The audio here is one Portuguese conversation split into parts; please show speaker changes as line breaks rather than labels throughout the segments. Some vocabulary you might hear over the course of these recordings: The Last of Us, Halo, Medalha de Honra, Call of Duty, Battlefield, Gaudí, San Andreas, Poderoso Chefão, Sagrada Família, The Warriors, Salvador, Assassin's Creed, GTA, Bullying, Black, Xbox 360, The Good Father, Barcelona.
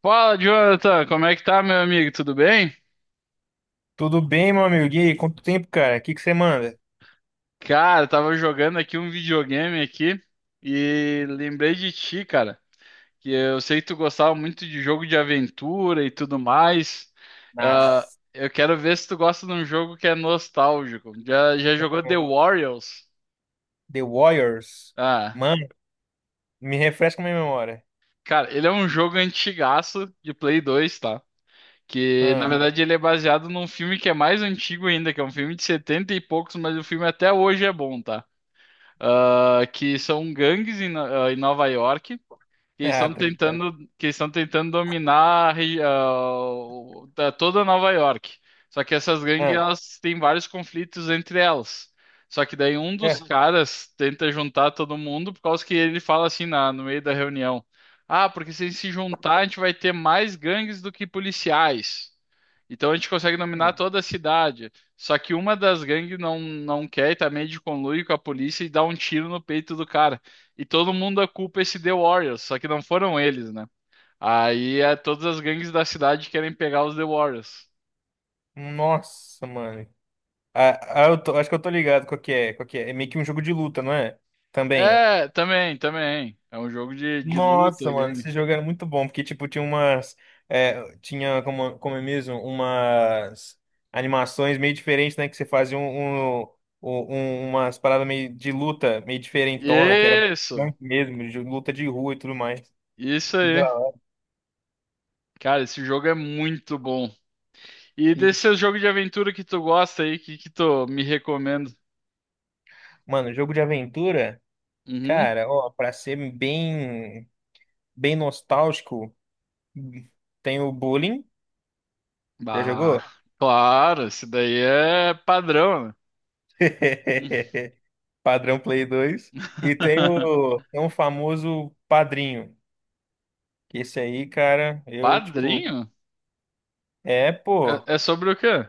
Fala, Jonathan, como é que tá, meu amigo? Tudo bem?
Tudo bem, meu amigo? E aí, quanto tempo, cara? O que você manda?
Cara, eu tava jogando aqui um videogame aqui e lembrei de ti, cara, que eu sei que tu gostava muito de jogo de aventura e tudo mais. Ah,
Nossa,
eu quero ver se tu gosta de um jogo que é nostálgico. Já jogou The Warriors?
The Warriors?
Ah,
Mano, me refresca minha memória.
cara, ele é um jogo antigaço de Play 2, tá? Que na
Ah,
verdade ele é baseado num filme que é mais antigo ainda, que é um filme de 70 e poucos, mas o filme até hoje é bom, tá? Ah, que são gangues em Nova York que eles estão. Uhum.
tá ligado.
tentando Que eles estão tentando dominar a toda Nova York. Só que essas gangues
Ah,
elas têm vários conflitos entre elas. Só que daí um dos
é.
caras tenta juntar todo mundo por causa que ele fala assim no meio da reunião. Ah, porque se a gente se juntar, a gente vai ter mais gangues do que policiais. Então a gente consegue dominar toda a cidade. Só que uma das gangues não quer e tá meio de conluio com a polícia e dá um tiro no peito do cara. E todo mundo acupa esse The Warriors, só que não foram eles, né? Aí é, todas as gangues da cidade querem pegar os The Warriors.
Nossa, mano. Ah, eu acho que eu tô ligado qual que é, qual que é. É meio que um jogo de luta, não é? Também.
É, também. É um jogo de
Nossa,
luta,
mano,
gangue.
esse jogo era muito bom, porque, tipo, tinha umas. É, tinha, como, como é mesmo, umas animações meio diferentes, né? Que você fazia umas paradas meio de luta, meio diferentona, que era
Isso,
punk mesmo, de luta de rua e tudo mais.
isso
Que da
aí.
hora.
Cara, esse jogo é muito bom. E
E,
desse seu jogo de aventura que tu gosta aí, que tu me recomenda?
Mano, jogo de aventura,
Uhum.
cara, ó, pra ser bem nostálgico, tem o Bullying. Já
Ah,
jogou?
claro, isso daí é padrão, né?
Padrão Play dois. E tem tem um famoso Padrinho. Que esse aí, cara, eu, tipo,
Padrinho?
é, pô,
É, é sobre o quê?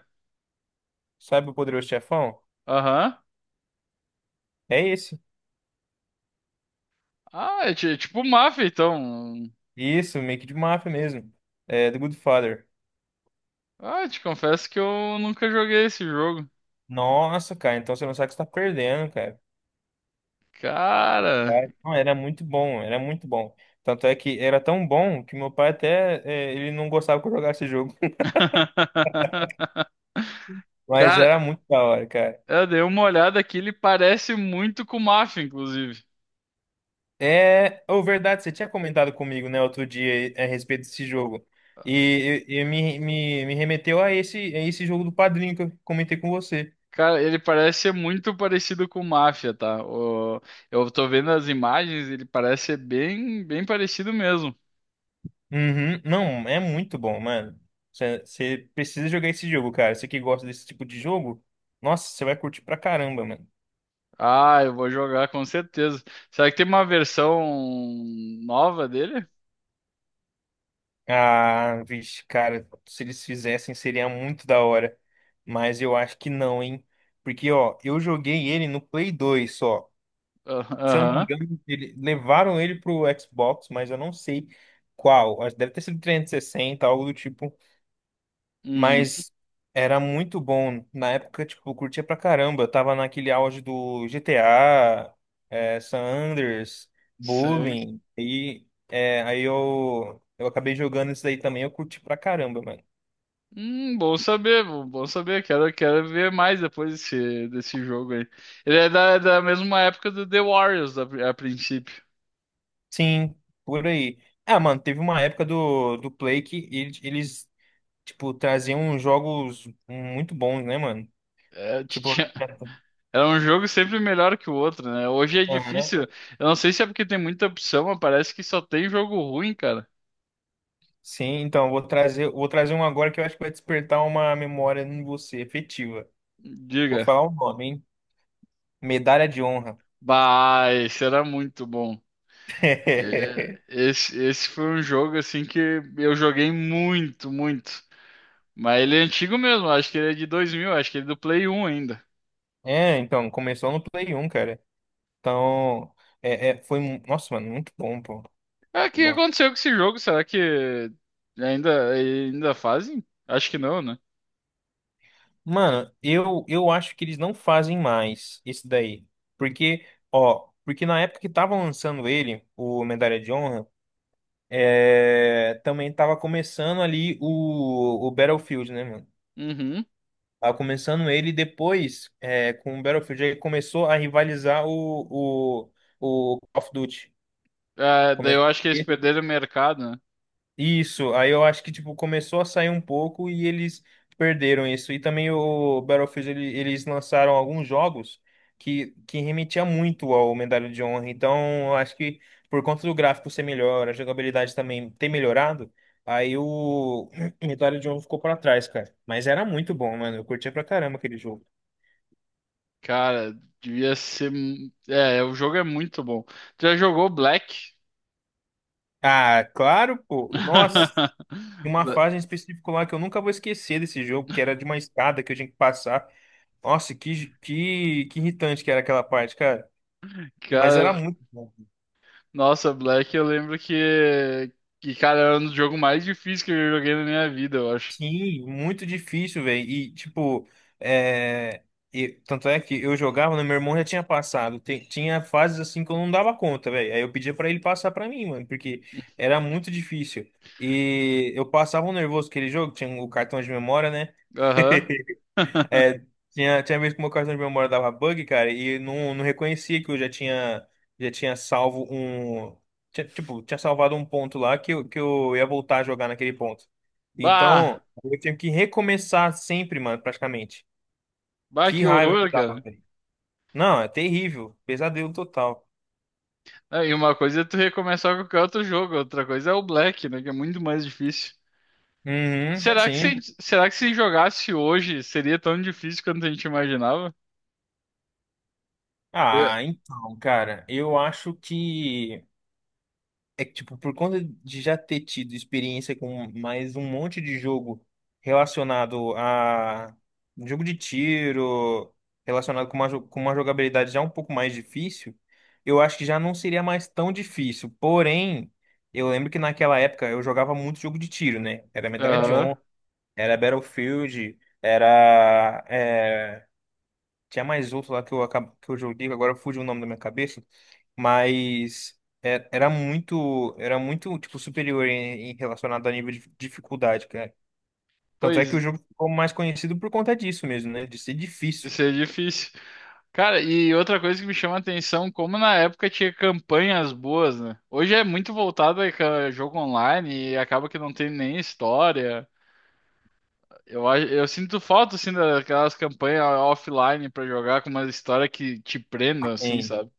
sabe o Poderoso Chefão?
Aham.
É esse.
Ah, é é tipo mafia então.
Isso, make de máfia mesmo. É, The Good Father.
Ah, te confesso que eu nunca joguei esse jogo.
Nossa, cara, então você não sabe o que você tá perdendo, cara.
Cara.
Não, era muito bom, era muito bom. Tanto é que era tão bom que meu pai até ele não gostava que eu jogasse esse jogo. Mas
Cara,
era muito da hora, cara.
eu dei uma olhada aqui, ele parece muito com mafia inclusive.
É, ou verdade, você tinha comentado comigo, né, outro dia a respeito desse jogo. E me remeteu a esse jogo do Padrinho que eu comentei com você.
Cara, ele parece ser muito parecido com mafia, tá? Eu tô vendo as imagens, ele parece ser bem parecido mesmo.
Uhum. Não, é muito bom, mano. Você precisa jogar esse jogo, cara. Você que gosta desse tipo de jogo, nossa, você vai curtir pra caramba, mano.
Ah, eu vou jogar com certeza. Será que tem uma versão nova dele?
Ah, vixe, cara, se eles fizessem seria muito da hora. Mas eu acho que não, hein? Porque, ó, eu joguei ele no Play 2 só.
Ah,
Se eu não me
aham.
engano, ele, levaram ele pro Xbox, mas eu não sei qual. Acho que deve ter sido 360, algo do tipo.
Uhum.
Mas era muito bom. Na época, tipo, eu curtia pra caramba. Eu tava naquele auge do GTA, San Andreas,
Sei.
Bullying. Aí eu acabei jogando isso daí também. Eu curti pra caramba, mano.
Bom saber, bom saber. Quero ver mais desse jogo aí. Ele é é da mesma época do The Warriors, a, a princípio.
Sim, por aí. Ah, mano, teve uma época do Play que eles traziam jogos muito bons, né, mano?
É,
Tipo,
era um jogo sempre melhor que o outro, né? Hoje é
aham.
difícil. Eu não sei se é porque tem muita opção, mas parece que só tem jogo ruim, cara.
Sim, então, vou trazer um agora que eu acho que vai despertar uma memória em você, efetiva. Vou
Diga.
falar o nome, hein? Medalha de honra.
Bah, esse era muito bom. É, Esse foi um jogo assim que eu joguei muito. Mas ele é antigo mesmo, acho que ele é de 2000, acho que ele é do Play 1 ainda.
É, então, começou no Play 1, cara. Então, foi. Nossa, mano, muito bom, pô.
Ah, o
Muito
que
bom.
aconteceu com esse jogo? Será que ainda fazem? Acho que não, né?
Mano, eu acho que eles não fazem mais esse daí. Porque, ó, porque na época que tava lançando ele, o Medalha de Honra, é, também tava começando ali o Battlefield, né, mano?
Uhum.
Ah, começando ele, depois, é, com o Battlefield, ele começou a rivalizar o, o Call of Duty.
Ah, daí eu
Começou...
acho que eles perderam o mercado, né?
Isso, aí eu acho que, tipo, começou a sair um pouco e eles perderam isso. E também o Battlefield, eles lançaram alguns jogos que remetia muito ao Medalha de Honra. Então, eu acho que por conta do gráfico ser melhor, a jogabilidade também ter melhorado, aí o Medalha de Honra ficou para trás, cara. Mas era muito bom, mano. Eu curtia pra caramba aquele jogo.
Cara, devia ser. É, o jogo é muito bom. Tu já jogou Black?
Ah, claro, pô. Nossa, tinha uma fase em específico lá que eu nunca vou esquecer desse jogo, que era de uma escada que eu tinha que passar. Nossa, que irritante que era aquela parte, cara. Mas era
Cara,
muito bom.
nossa, Black, eu lembro cara, era um dos jogos mais difíceis que eu joguei na minha vida, eu acho.
Sim, muito difícil, velho. E, tipo, é... tanto é que eu jogava, né? Meu irmão já tinha passado. Tinha fases assim que eu não dava conta, velho. Aí eu pedia pra ele passar pra mim, mano, porque era muito difícil. E eu passava um nervoso aquele jogo, tinha o cartão de memória, né?
Aham.
É, tinha vez que o meu cartão de memória dava bug, cara, e não reconhecia que eu já tinha salvo um. Tipo, tinha salvado um ponto lá que eu ia voltar a jogar naquele ponto.
Bah!
Então, eu tinha que recomeçar sempre, mano, praticamente.
Bah,
Que
que
raiva que
horror,
dava,
cara.
velho. Não, é terrível. Pesadelo total.
É, e uma coisa é tu recomeçar qualquer outro jogo, outra coisa é o Black, né? Que é muito mais difícil.
Uhum, sim.
Será que se jogasse hoje seria tão difícil quanto a gente imaginava?
Ah,
É.
então, cara, eu acho que. É que, tipo, por conta de já ter tido experiência com mais um monte de jogo relacionado a um jogo de tiro, relacionado com com uma jogabilidade já um pouco mais difícil, eu acho que já não seria mais tão difícil. Porém, eu lembro que naquela época eu jogava muito jogo de tiro, né? Era Medalha de
Aham.
Honra, era Battlefield, era, tinha mais outro lá que que eu joguei, agora fugiu o nome da minha cabeça, mas era muito tipo superior em, em relacionado a nível de dificuldade, cara. Tanto é que o
Pois,
jogo ficou mais conhecido por conta disso mesmo, né? De ser difícil.
isso é difícil. Cara, e outra coisa que me chama a atenção, como na época tinha campanhas boas, né? Hoje é muito voltado a jogo online e acaba que não tem nem história. Eu, eu sinto falta, assim, daquelas campanhas offline pra jogar com uma história que te prenda, assim,
Sim,
sabe?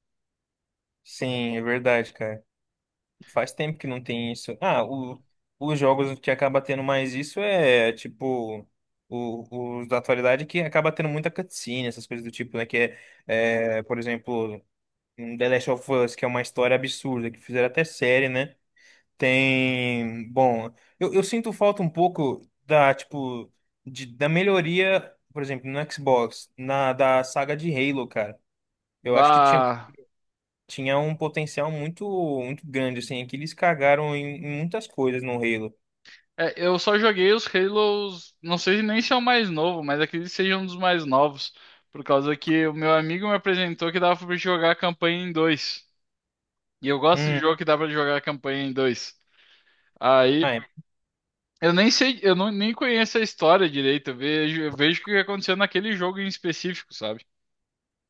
sim, é verdade, cara. Faz tempo que não tem isso. Ah, o, os jogos que acaba tendo mais isso é tipo os da atualidade que acaba tendo muita cutscene, essas coisas do tipo, né? Por exemplo, um The Last of Us, que é uma história absurda, que fizeram até série, né? Tem, bom, eu sinto falta um pouco da, tipo, da melhoria, por exemplo, no Xbox, na da saga de Halo, cara. Eu acho que
Bah...
tinha um potencial muito grande, assim, é que eles cagaram em muitas coisas no Halo.
É, eu só joguei os Halos, não sei nem se é o mais novo, mas acredito que seja um dos mais novos, por causa que o meu amigo me apresentou que dava pra jogar a campanha em dois. E eu gosto de
Hum,
jogo que dá pra jogar a campanha em dois. Aí
ah, é,
eu nem sei, eu nem conheço a história direito. Eu vejo o que aconteceu naquele jogo em específico, sabe?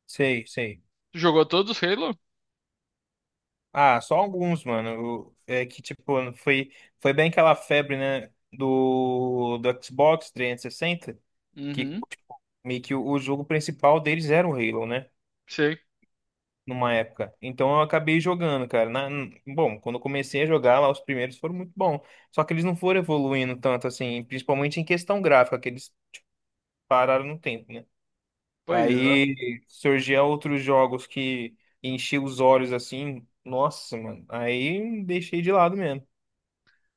sei, sei.
Tu jogou todos os Halo?
Ah, só alguns, mano. É que, tipo, foi bem aquela febre, né, do Xbox 360, que,
Uhum,
tipo, meio que o jogo principal deles era o Halo, né?
sei.
Numa época. Então eu acabei jogando, cara. Bom, quando eu comecei a jogar lá, os primeiros foram muito bons. Só que eles não foram evoluindo tanto assim, principalmente em questão gráfica, que eles pararam no tempo, né?
Pois é.
Aí surgiam outros jogos que enchiam os olhos assim. Nossa, mano. Aí deixei de lado mesmo.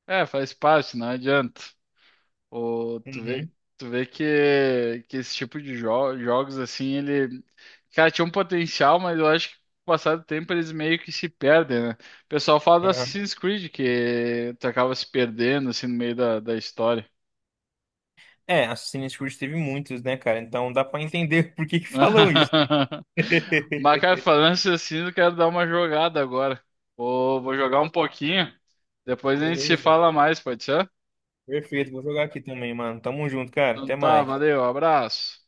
É, É, faz parte, não adianta. O,
Uhum,
tu vê que esse tipo de jogos, assim, ele. Cara, tinha um potencial, mas eu acho que com o passar do tempo eles meio que se perdem, né? O pessoal fala do
aham.
Assassin's Creed, que tu acaba se perdendo, assim, no meio da história.
É, Assassin's Creed teve muitos, né, cara? Então dá pra entender por que que falam isso.
Mas, cara, falando isso assim, eu quero dar uma jogada agora. Vou jogar um pouquinho. Depois a gente se
Beleza.
fala mais, pode ser?
Perfeito. Vou jogar aqui também, mano. Tamo junto, cara.
Então
Até
tá,
mais.
valeu, abraço.